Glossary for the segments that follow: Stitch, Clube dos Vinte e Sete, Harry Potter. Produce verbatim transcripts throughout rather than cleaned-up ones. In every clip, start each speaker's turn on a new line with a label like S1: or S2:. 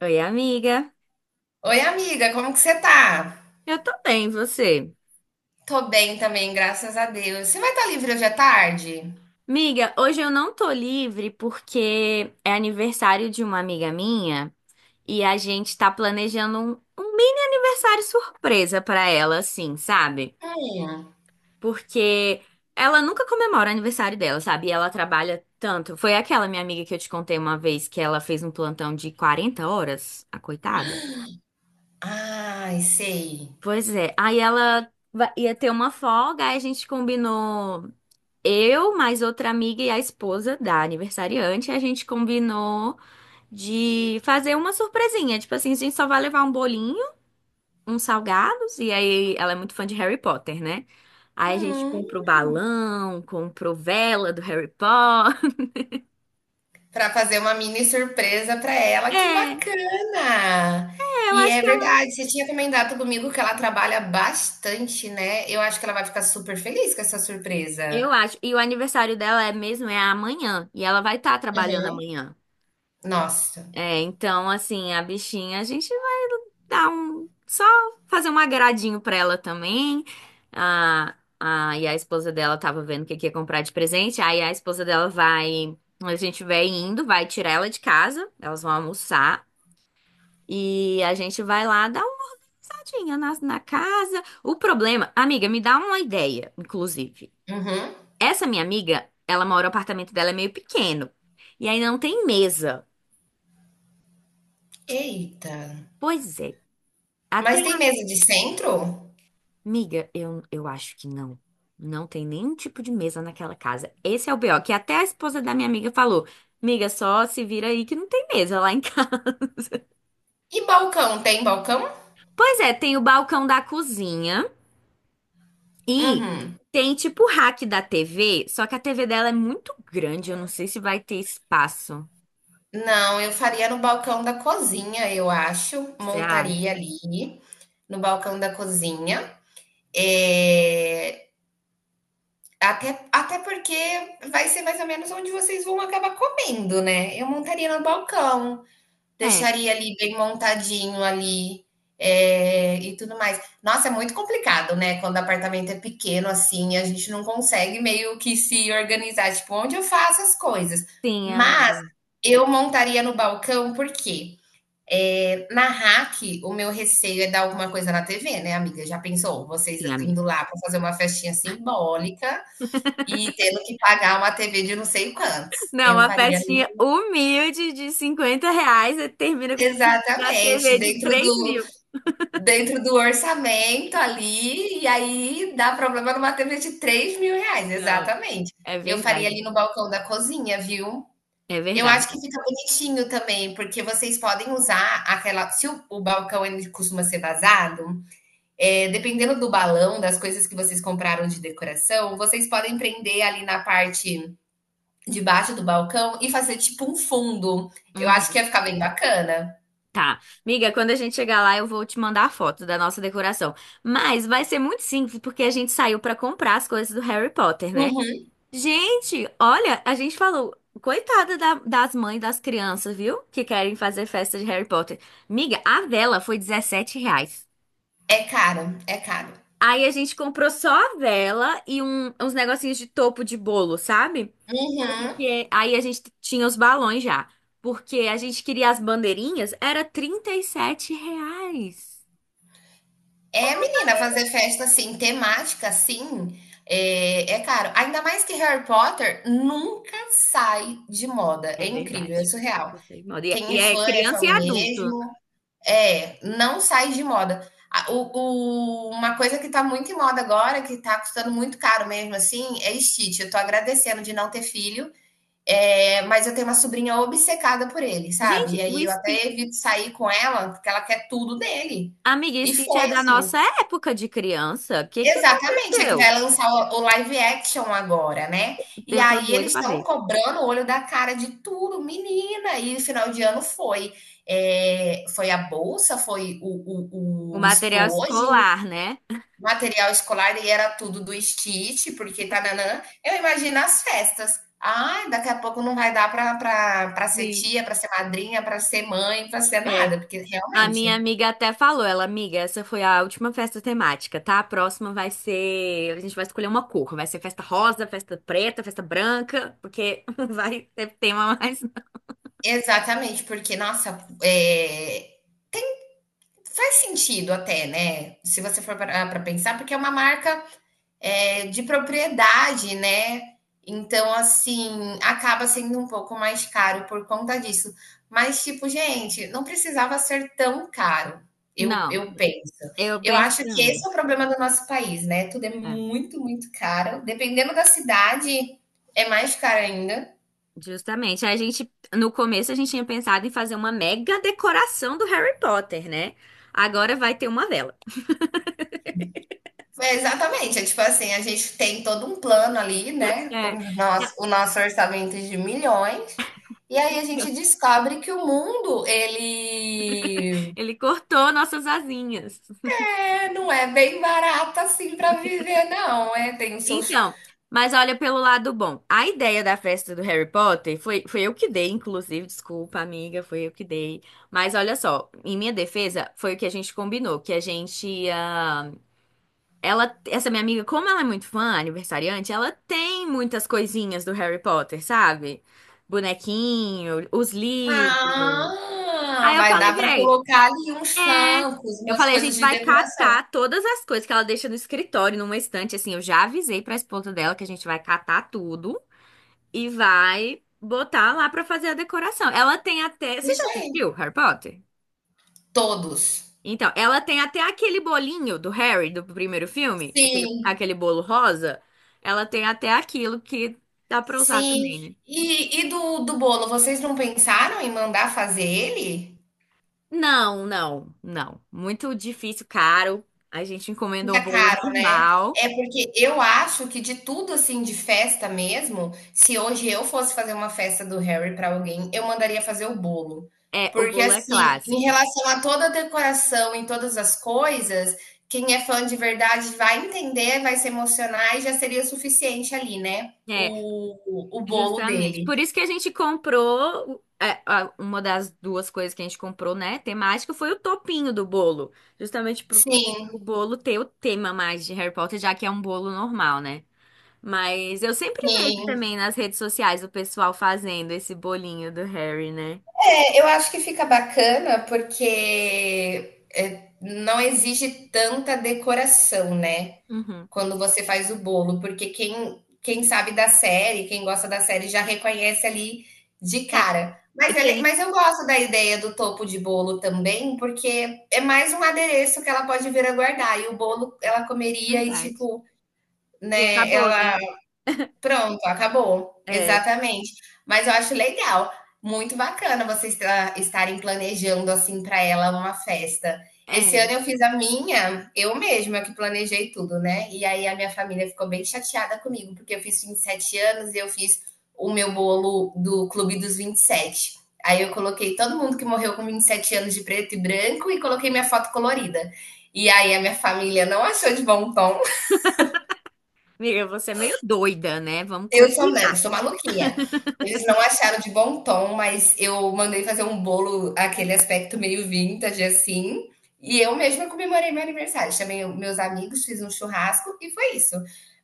S1: Oi, amiga.
S2: Oi, amiga, como que você tá?
S1: Eu tô bem, e você?
S2: Tô bem também, graças a Deus. Você vai estar livre hoje à tarde?
S1: Amiga, hoje eu não tô livre porque é aniversário de uma amiga minha e a gente tá planejando um, um mini aniversário surpresa pra ela, assim, sabe?
S2: Hum.
S1: Porque ela nunca comemora o aniversário dela, sabe? E ela trabalha tanto. Foi aquela minha amiga que eu te contei uma vez que ela fez um plantão de quarenta horas, a coitada.
S2: Ai, sei.
S1: Pois é. Aí ela va- ia ter uma folga, aí a gente combinou. Eu, mais outra amiga e a esposa da aniversariante, a gente combinou de fazer uma surpresinha. Tipo assim, a gente só vai levar um bolinho, uns salgados, e aí ela é muito fã de Harry Potter, né? Aí a gente
S2: Hum.
S1: comprou balão, comprou vela do Harry Potter.
S2: Pra fazer uma mini surpresa pra ela,
S1: É,
S2: que
S1: é,
S2: bacana!
S1: eu
S2: E
S1: acho
S2: é
S1: que ela.
S2: verdade, você tinha comentado comigo que ela trabalha bastante, né? Eu acho que ela vai ficar super feliz com essa
S1: Eu
S2: surpresa.
S1: acho. E o aniversário dela é mesmo, é amanhã. E ela vai estar trabalhando amanhã.
S2: Nossa.
S1: É, então, assim, a bichinha, a gente dar um, só fazer um agradinho pra ela também. Ah, ah, e a esposa dela tava vendo o que que ia comprar de presente. Aí a esposa dela vai, A gente vai indo, vai tirar ela de casa, elas vão almoçar e a gente vai lá dar uma passadinha na, na casa. O problema, amiga, me dá uma ideia, inclusive.
S2: Uhum.
S1: Essa minha amiga, ela mora, o apartamento dela é meio pequeno e aí não tem mesa.
S2: Eita.
S1: Pois é. Até.
S2: Mas tem mesa de centro?
S1: Miga, eu, eu acho que não. Não tem nenhum tipo de mesa naquela casa. Esse é o B O, que até a esposa da minha amiga falou: Miga, só se vira aí que não tem mesa lá em casa.
S2: E balcão? Tem balcão?
S1: Pois é, tem o balcão da cozinha e
S2: Uhum.
S1: tem tipo o rack da T V, só que a T V dela é muito grande, eu não sei se vai ter espaço.
S2: Não, eu faria no balcão da cozinha, eu acho.
S1: Você acha?
S2: Montaria ali no balcão da cozinha. É, até, até porque vai ser mais ou menos onde vocês vão acabar comendo, né? Eu montaria no balcão,
S1: É,
S2: deixaria ali bem montadinho ali, é, e tudo mais. Nossa, é muito complicado, né? Quando o apartamento é pequeno assim, a gente não consegue meio que se organizar, tipo, onde eu faço as coisas.
S1: sim,
S2: Mas
S1: amiga.
S2: eu montaria no balcão, por quê? É, Na Hack, o meu receio é dar alguma coisa na T V, né, amiga? Já pensou? Vocês
S1: Sim, amiga.
S2: indo lá para fazer uma festinha simbólica e tendo que pagar uma T V de não sei quantos.
S1: Não,
S2: Eu
S1: uma
S2: faria
S1: festinha humilde de cinquenta reais e termina com na
S2: exatamente,
S1: T V de
S2: dentro
S1: três
S2: do
S1: mil.
S2: dentro do orçamento ali, e aí dá problema numa T V de três mil reais,
S1: Não,
S2: exatamente.
S1: é
S2: Eu faria
S1: verdade.
S2: ali no balcão da cozinha, viu?
S1: É
S2: Eu
S1: verdade.
S2: acho que fica bonitinho também, porque vocês podem usar aquela. Se o, o balcão ele costuma ser vazado, é, dependendo do balão, das coisas que vocês compraram de decoração, vocês podem prender ali na parte de baixo do balcão e fazer tipo um fundo. Eu acho que
S1: Uhum.
S2: ia ficar bem bacana.
S1: Tá. Miga, quando a gente chegar lá, eu vou te mandar a foto da nossa decoração. Mas vai ser muito simples, porque a gente saiu pra comprar as coisas do Harry Potter, né?
S2: Uhum.
S1: Gente, olha, a gente falou, coitada da- das mães das crianças, viu? Que querem fazer festa de Harry Potter. Miga, a vela foi dezessete reais.
S2: É caro, é caro.
S1: Aí a gente comprou só a vela e um- uns negocinhos de topo de bolo, sabe?
S2: Uhum.
S1: Porque aí a gente tinha os balões já. Porque a gente queria as bandeirinhas, era trinta e sete reais.
S2: É, menina, fazer festa assim, temática assim, é, é caro. Ainda mais que Harry Potter nunca sai de moda.
S1: É
S2: É incrível, é
S1: verdade.
S2: surreal.
S1: trinta e seis moda. E é
S2: Quem
S1: e
S2: é
S1: é
S2: fã é fã
S1: criança e adulto.
S2: mesmo. É, não sai de moda. A- o- o- uma coisa que tá muito em moda agora, que tá custando muito caro mesmo, assim, é Stitch. Eu tô agradecendo de não ter filho, é, mas eu tenho uma sobrinha obcecada por ele, sabe? E
S1: Gente, o
S2: aí eu
S1: Stitch,
S2: até evito sair com ela, porque ela quer tudo dele.
S1: amiga, o
S2: E
S1: Stitch é
S2: foi
S1: da
S2: assim.
S1: nossa época de criança. O que que
S2: Exatamente, é que
S1: aconteceu?
S2: vai lançar o o live action agora, né. E
S1: Eu tô
S2: aí
S1: doida
S2: eles
S1: pra
S2: estão
S1: ver.
S2: cobrando o olho da cara de tudo, menina, e final de ano foi, eh, foi a bolsa, foi o
S1: O
S2: o o
S1: material
S2: estojo,
S1: escolar, né?
S2: material escolar e era tudo do Stitch, porque tánanã. Eu imagino as festas. Ai, daqui a pouco não vai dar para pra ser
S1: Sim.
S2: tia, para ser madrinha, para ser mãe, para ser
S1: É.
S2: nada, porque
S1: A minha
S2: realmente
S1: amiga até falou, ela, amiga, essa foi a última festa temática, tá? A próxima vai ser, a gente vai escolher uma cor, vai ser festa rosa, festa preta, festa branca, porque não vai ter tema mais.
S2: exatamente, porque nossa, eh, faz sentido até, né? Se você for para pensar, porque é uma marca é, de propriedade, né? Então, assim, acaba sendo um pouco mais caro por conta disso. Mas, tipo, gente, não precisava ser tão caro, eu,
S1: Não,
S2: eu penso.
S1: eu
S2: Eu
S1: penso
S2: acho que esse
S1: também.
S2: é o problema do nosso país, né? Tudo é
S1: É,
S2: muito, muito caro. Dependendo da cidade, é mais caro ainda.
S1: justamente, a gente no começo a gente tinha pensado em fazer uma mega decoração do Harry Potter, né? Agora vai ter uma vela.
S2: É, exatamente, é tipo assim, a gente tem todo um plano ali, né, com
S1: É.
S2: o nosso o nosso orçamento de milhões, e aí a gente descobre que o mundo ele,
S1: Ele cortou nossas asinhas.
S2: é, não é bem barato assim para viver não, é, tem os seus
S1: Então, mas olha pelo lado bom. A ideia da festa do Harry Potter foi, foi eu que dei, inclusive, desculpa, amiga, foi eu que dei. Mas olha só, em minha defesa, foi o que a gente combinou, que a gente ia. Ela, essa minha amiga, como ela é muito fã, aniversariante, ela tem muitas coisinhas do Harry Potter, sabe? Bonequinho, os livros.
S2: ah,
S1: Aí eu
S2: vai
S1: falei,
S2: dar para
S1: véi,
S2: colocar ali uns
S1: é.
S2: francos,
S1: Eu
S2: umas
S1: falei, a
S2: coisas
S1: gente
S2: de
S1: vai
S2: decoração.
S1: catar todas as coisas que ela deixa no escritório, numa estante, assim. Eu já avisei pra esposa dela que a gente vai catar tudo e vai botar lá pra fazer a decoração. Ela tem até. Você já
S2: Isso aí,
S1: assistiu Harry Potter?
S2: todos.
S1: Então, ela tem até aquele bolinho do Harry, do primeiro filme, aquele,
S2: Sim,
S1: aquele bolo rosa. Ela tem até aquilo que dá pra usar
S2: sim.
S1: também, né?
S2: E e do do bolo, vocês não pensaram em mandar fazer ele?
S1: Não, não, não. Muito difícil, caro. A gente encomendou
S2: Fica
S1: um bolo
S2: caro, né?
S1: normal.
S2: É porque eu acho que de tudo assim de festa mesmo, se hoje eu fosse fazer uma festa do Harry para alguém, eu mandaria fazer o bolo.
S1: É, o
S2: Porque
S1: bolo é
S2: assim, em
S1: clássico.
S2: relação a toda a decoração, em todas as coisas, quem é fã de verdade vai entender, vai se emocionar e já seria o suficiente ali, né?
S1: É,
S2: O, o, o bolo
S1: justamente.
S2: dele.
S1: Por isso que a gente comprou, é, a- uma das duas coisas que a gente comprou, né, temática, foi o topinho do bolo. Justamente pro, pro
S2: Sim,
S1: bolo ter o tema mais de Harry Potter, já que é um bolo normal, né? Mas eu sempre vejo
S2: sim.
S1: também nas redes sociais o pessoal fazendo esse bolinho do Harry, né?
S2: É, eu acho que fica bacana porque é, não exige tanta decoração, né?
S1: Uhum.
S2: Quando você faz o bolo, porque quem, quem sabe da série, quem gosta da série, já reconhece ali de
S1: É,
S2: cara. Mas, ele-
S1: tem,
S2: mas eu gosto da ideia do topo de bolo também, porque é mais um adereço que ela pode vir a guardar. E o bolo ela comeria e,
S1: verdade.
S2: tipo,
S1: E
S2: né,
S1: acabou, né?
S2: ela Pronto, acabou.
S1: É,
S2: Exatamente. Mas eu acho legal, muito bacana vocês tra- estarem planejando assim para ela uma festa. Esse ano
S1: é.
S2: eu fiz a minha, eu mesma que planejei tudo, né? E aí a minha família ficou bem chateada comigo, porque eu fiz vinte e sete anos e eu fiz o meu bolo do Clube dos Vinte e Sete. Aí eu coloquei todo mundo que morreu com vinte e sete anos de preto e branco e coloquei minha foto colorida. E aí a minha família não achou de bom tom.
S1: Amiga, você é meio doida, né? Vamos
S2: Eu sou mesmo,
S1: combinar.
S2: sou maluquinha. Eles não acharam de bom tom, mas eu mandei fazer um bolo, aquele aspecto meio vintage, assim. E eu mesma comemorei meu aniversário. Chamei o- meus amigos, fiz um churrasco e foi isso.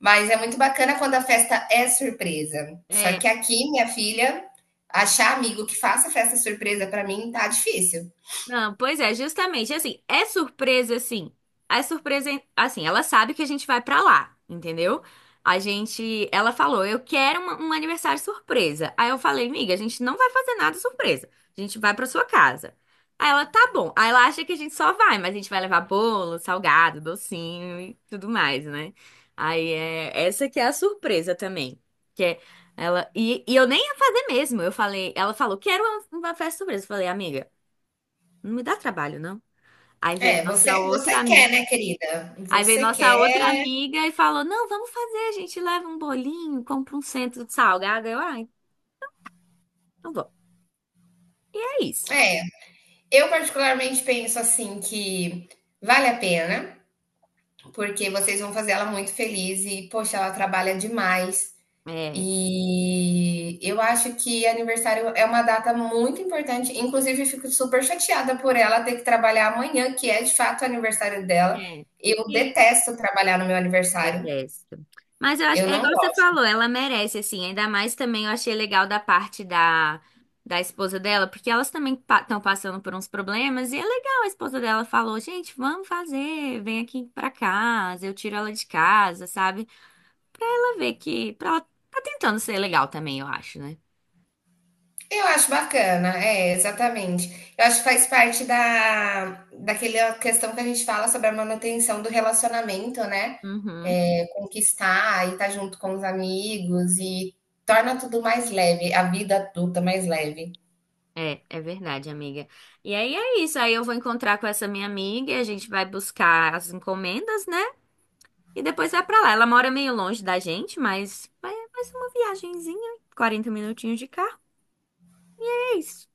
S2: Mas é muito bacana quando a festa é surpresa. Só
S1: É.
S2: que aqui, minha filha, achar amigo que faça festa surpresa pra mim tá difícil.
S1: Não, pois é, justamente assim, é surpresa assim. É surpresa assim, ela sabe que a gente vai pra lá, entendeu? A gente, ela falou, eu quero uma- um aniversário surpresa. Aí eu falei, miga, a gente não vai fazer nada surpresa. A gente vai pra sua casa. Aí ela, tá bom. Aí ela acha que a gente só vai, mas a gente vai levar bolo, salgado, docinho e tudo mais, né? Aí é, essa que é a surpresa também. Que é Ela, e, e eu nem ia fazer mesmo. Eu falei, ela falou, quero uma, uma festa surpresa. Eu falei, amiga. Não me dá trabalho, não. Aí veio
S2: É,
S1: nossa
S2: você, você
S1: outra
S2: quer,
S1: amiga.
S2: né, querida?
S1: Aí veio
S2: Você quer.
S1: nossa outra amiga e falou: Não, vamos fazer, a gente leva um bolinho, compra um centro de salgado. Eu, ai, não vou. É isso.
S2: É, eu particularmente penso assim que vale a pena, porque vocês vão fazer ela muito feliz e, poxa, ela trabalha demais.
S1: É,
S2: E eu acho que aniversário é uma data muito importante. Inclusive, fico super chateada por ela ter que trabalhar amanhã, que é de fato o aniversário dela.
S1: é.
S2: Eu
S1: E
S2: detesto trabalhar no meu aniversário.
S1: detesto. Mas eu acho,
S2: Eu
S1: é
S2: não
S1: igual você
S2: gosto.
S1: falou, ela merece, assim. Ainda mais também eu achei legal da parte da, da esposa dela, porque elas também estão passando por uns problemas. E é legal, a esposa dela falou: Gente, vamos fazer, vem aqui pra casa, eu tiro ela de casa, sabe? Pra ela ver que. Pra ela tá tentando ser legal também, eu acho, né?
S2: Eu acho bacana, é, exatamente. Eu acho que faz parte da, daquela questão que a gente fala sobre a manutenção do relacionamento, né?
S1: Uhum.
S2: É, conquistar e estar junto com os amigos e torna tudo mais leve, a vida adulta mais leve.
S1: É, é verdade, amiga. E aí é isso. Aí eu vou encontrar com essa minha amiga e a gente vai buscar as encomendas, né? E depois vai pra lá. Ela mora meio longe da gente, mas vai mais uma viagenzinha, quarenta minutinhos de carro. É isso.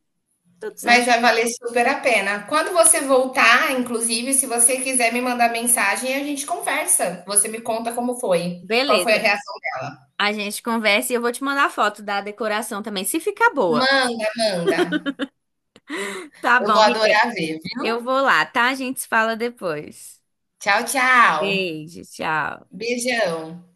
S1: Tudo
S2: Mas
S1: certo.
S2: vai valer super a pena. Quando você voltar, inclusive, se você quiser me mandar mensagem, a gente conversa. Você me conta como foi, qual foi a
S1: Beleza.
S2: reação dela.
S1: A gente conversa e eu vou te mandar foto da decoração também, se ficar boa.
S2: Manda, manda.
S1: Tá
S2: Eu
S1: bom,
S2: vou
S1: amiga.
S2: adorar ver,
S1: Eu
S2: viu?
S1: vou lá, tá? A gente se fala depois.
S2: Tchau, tchau.
S1: Beijo, tchau.
S2: Beijão.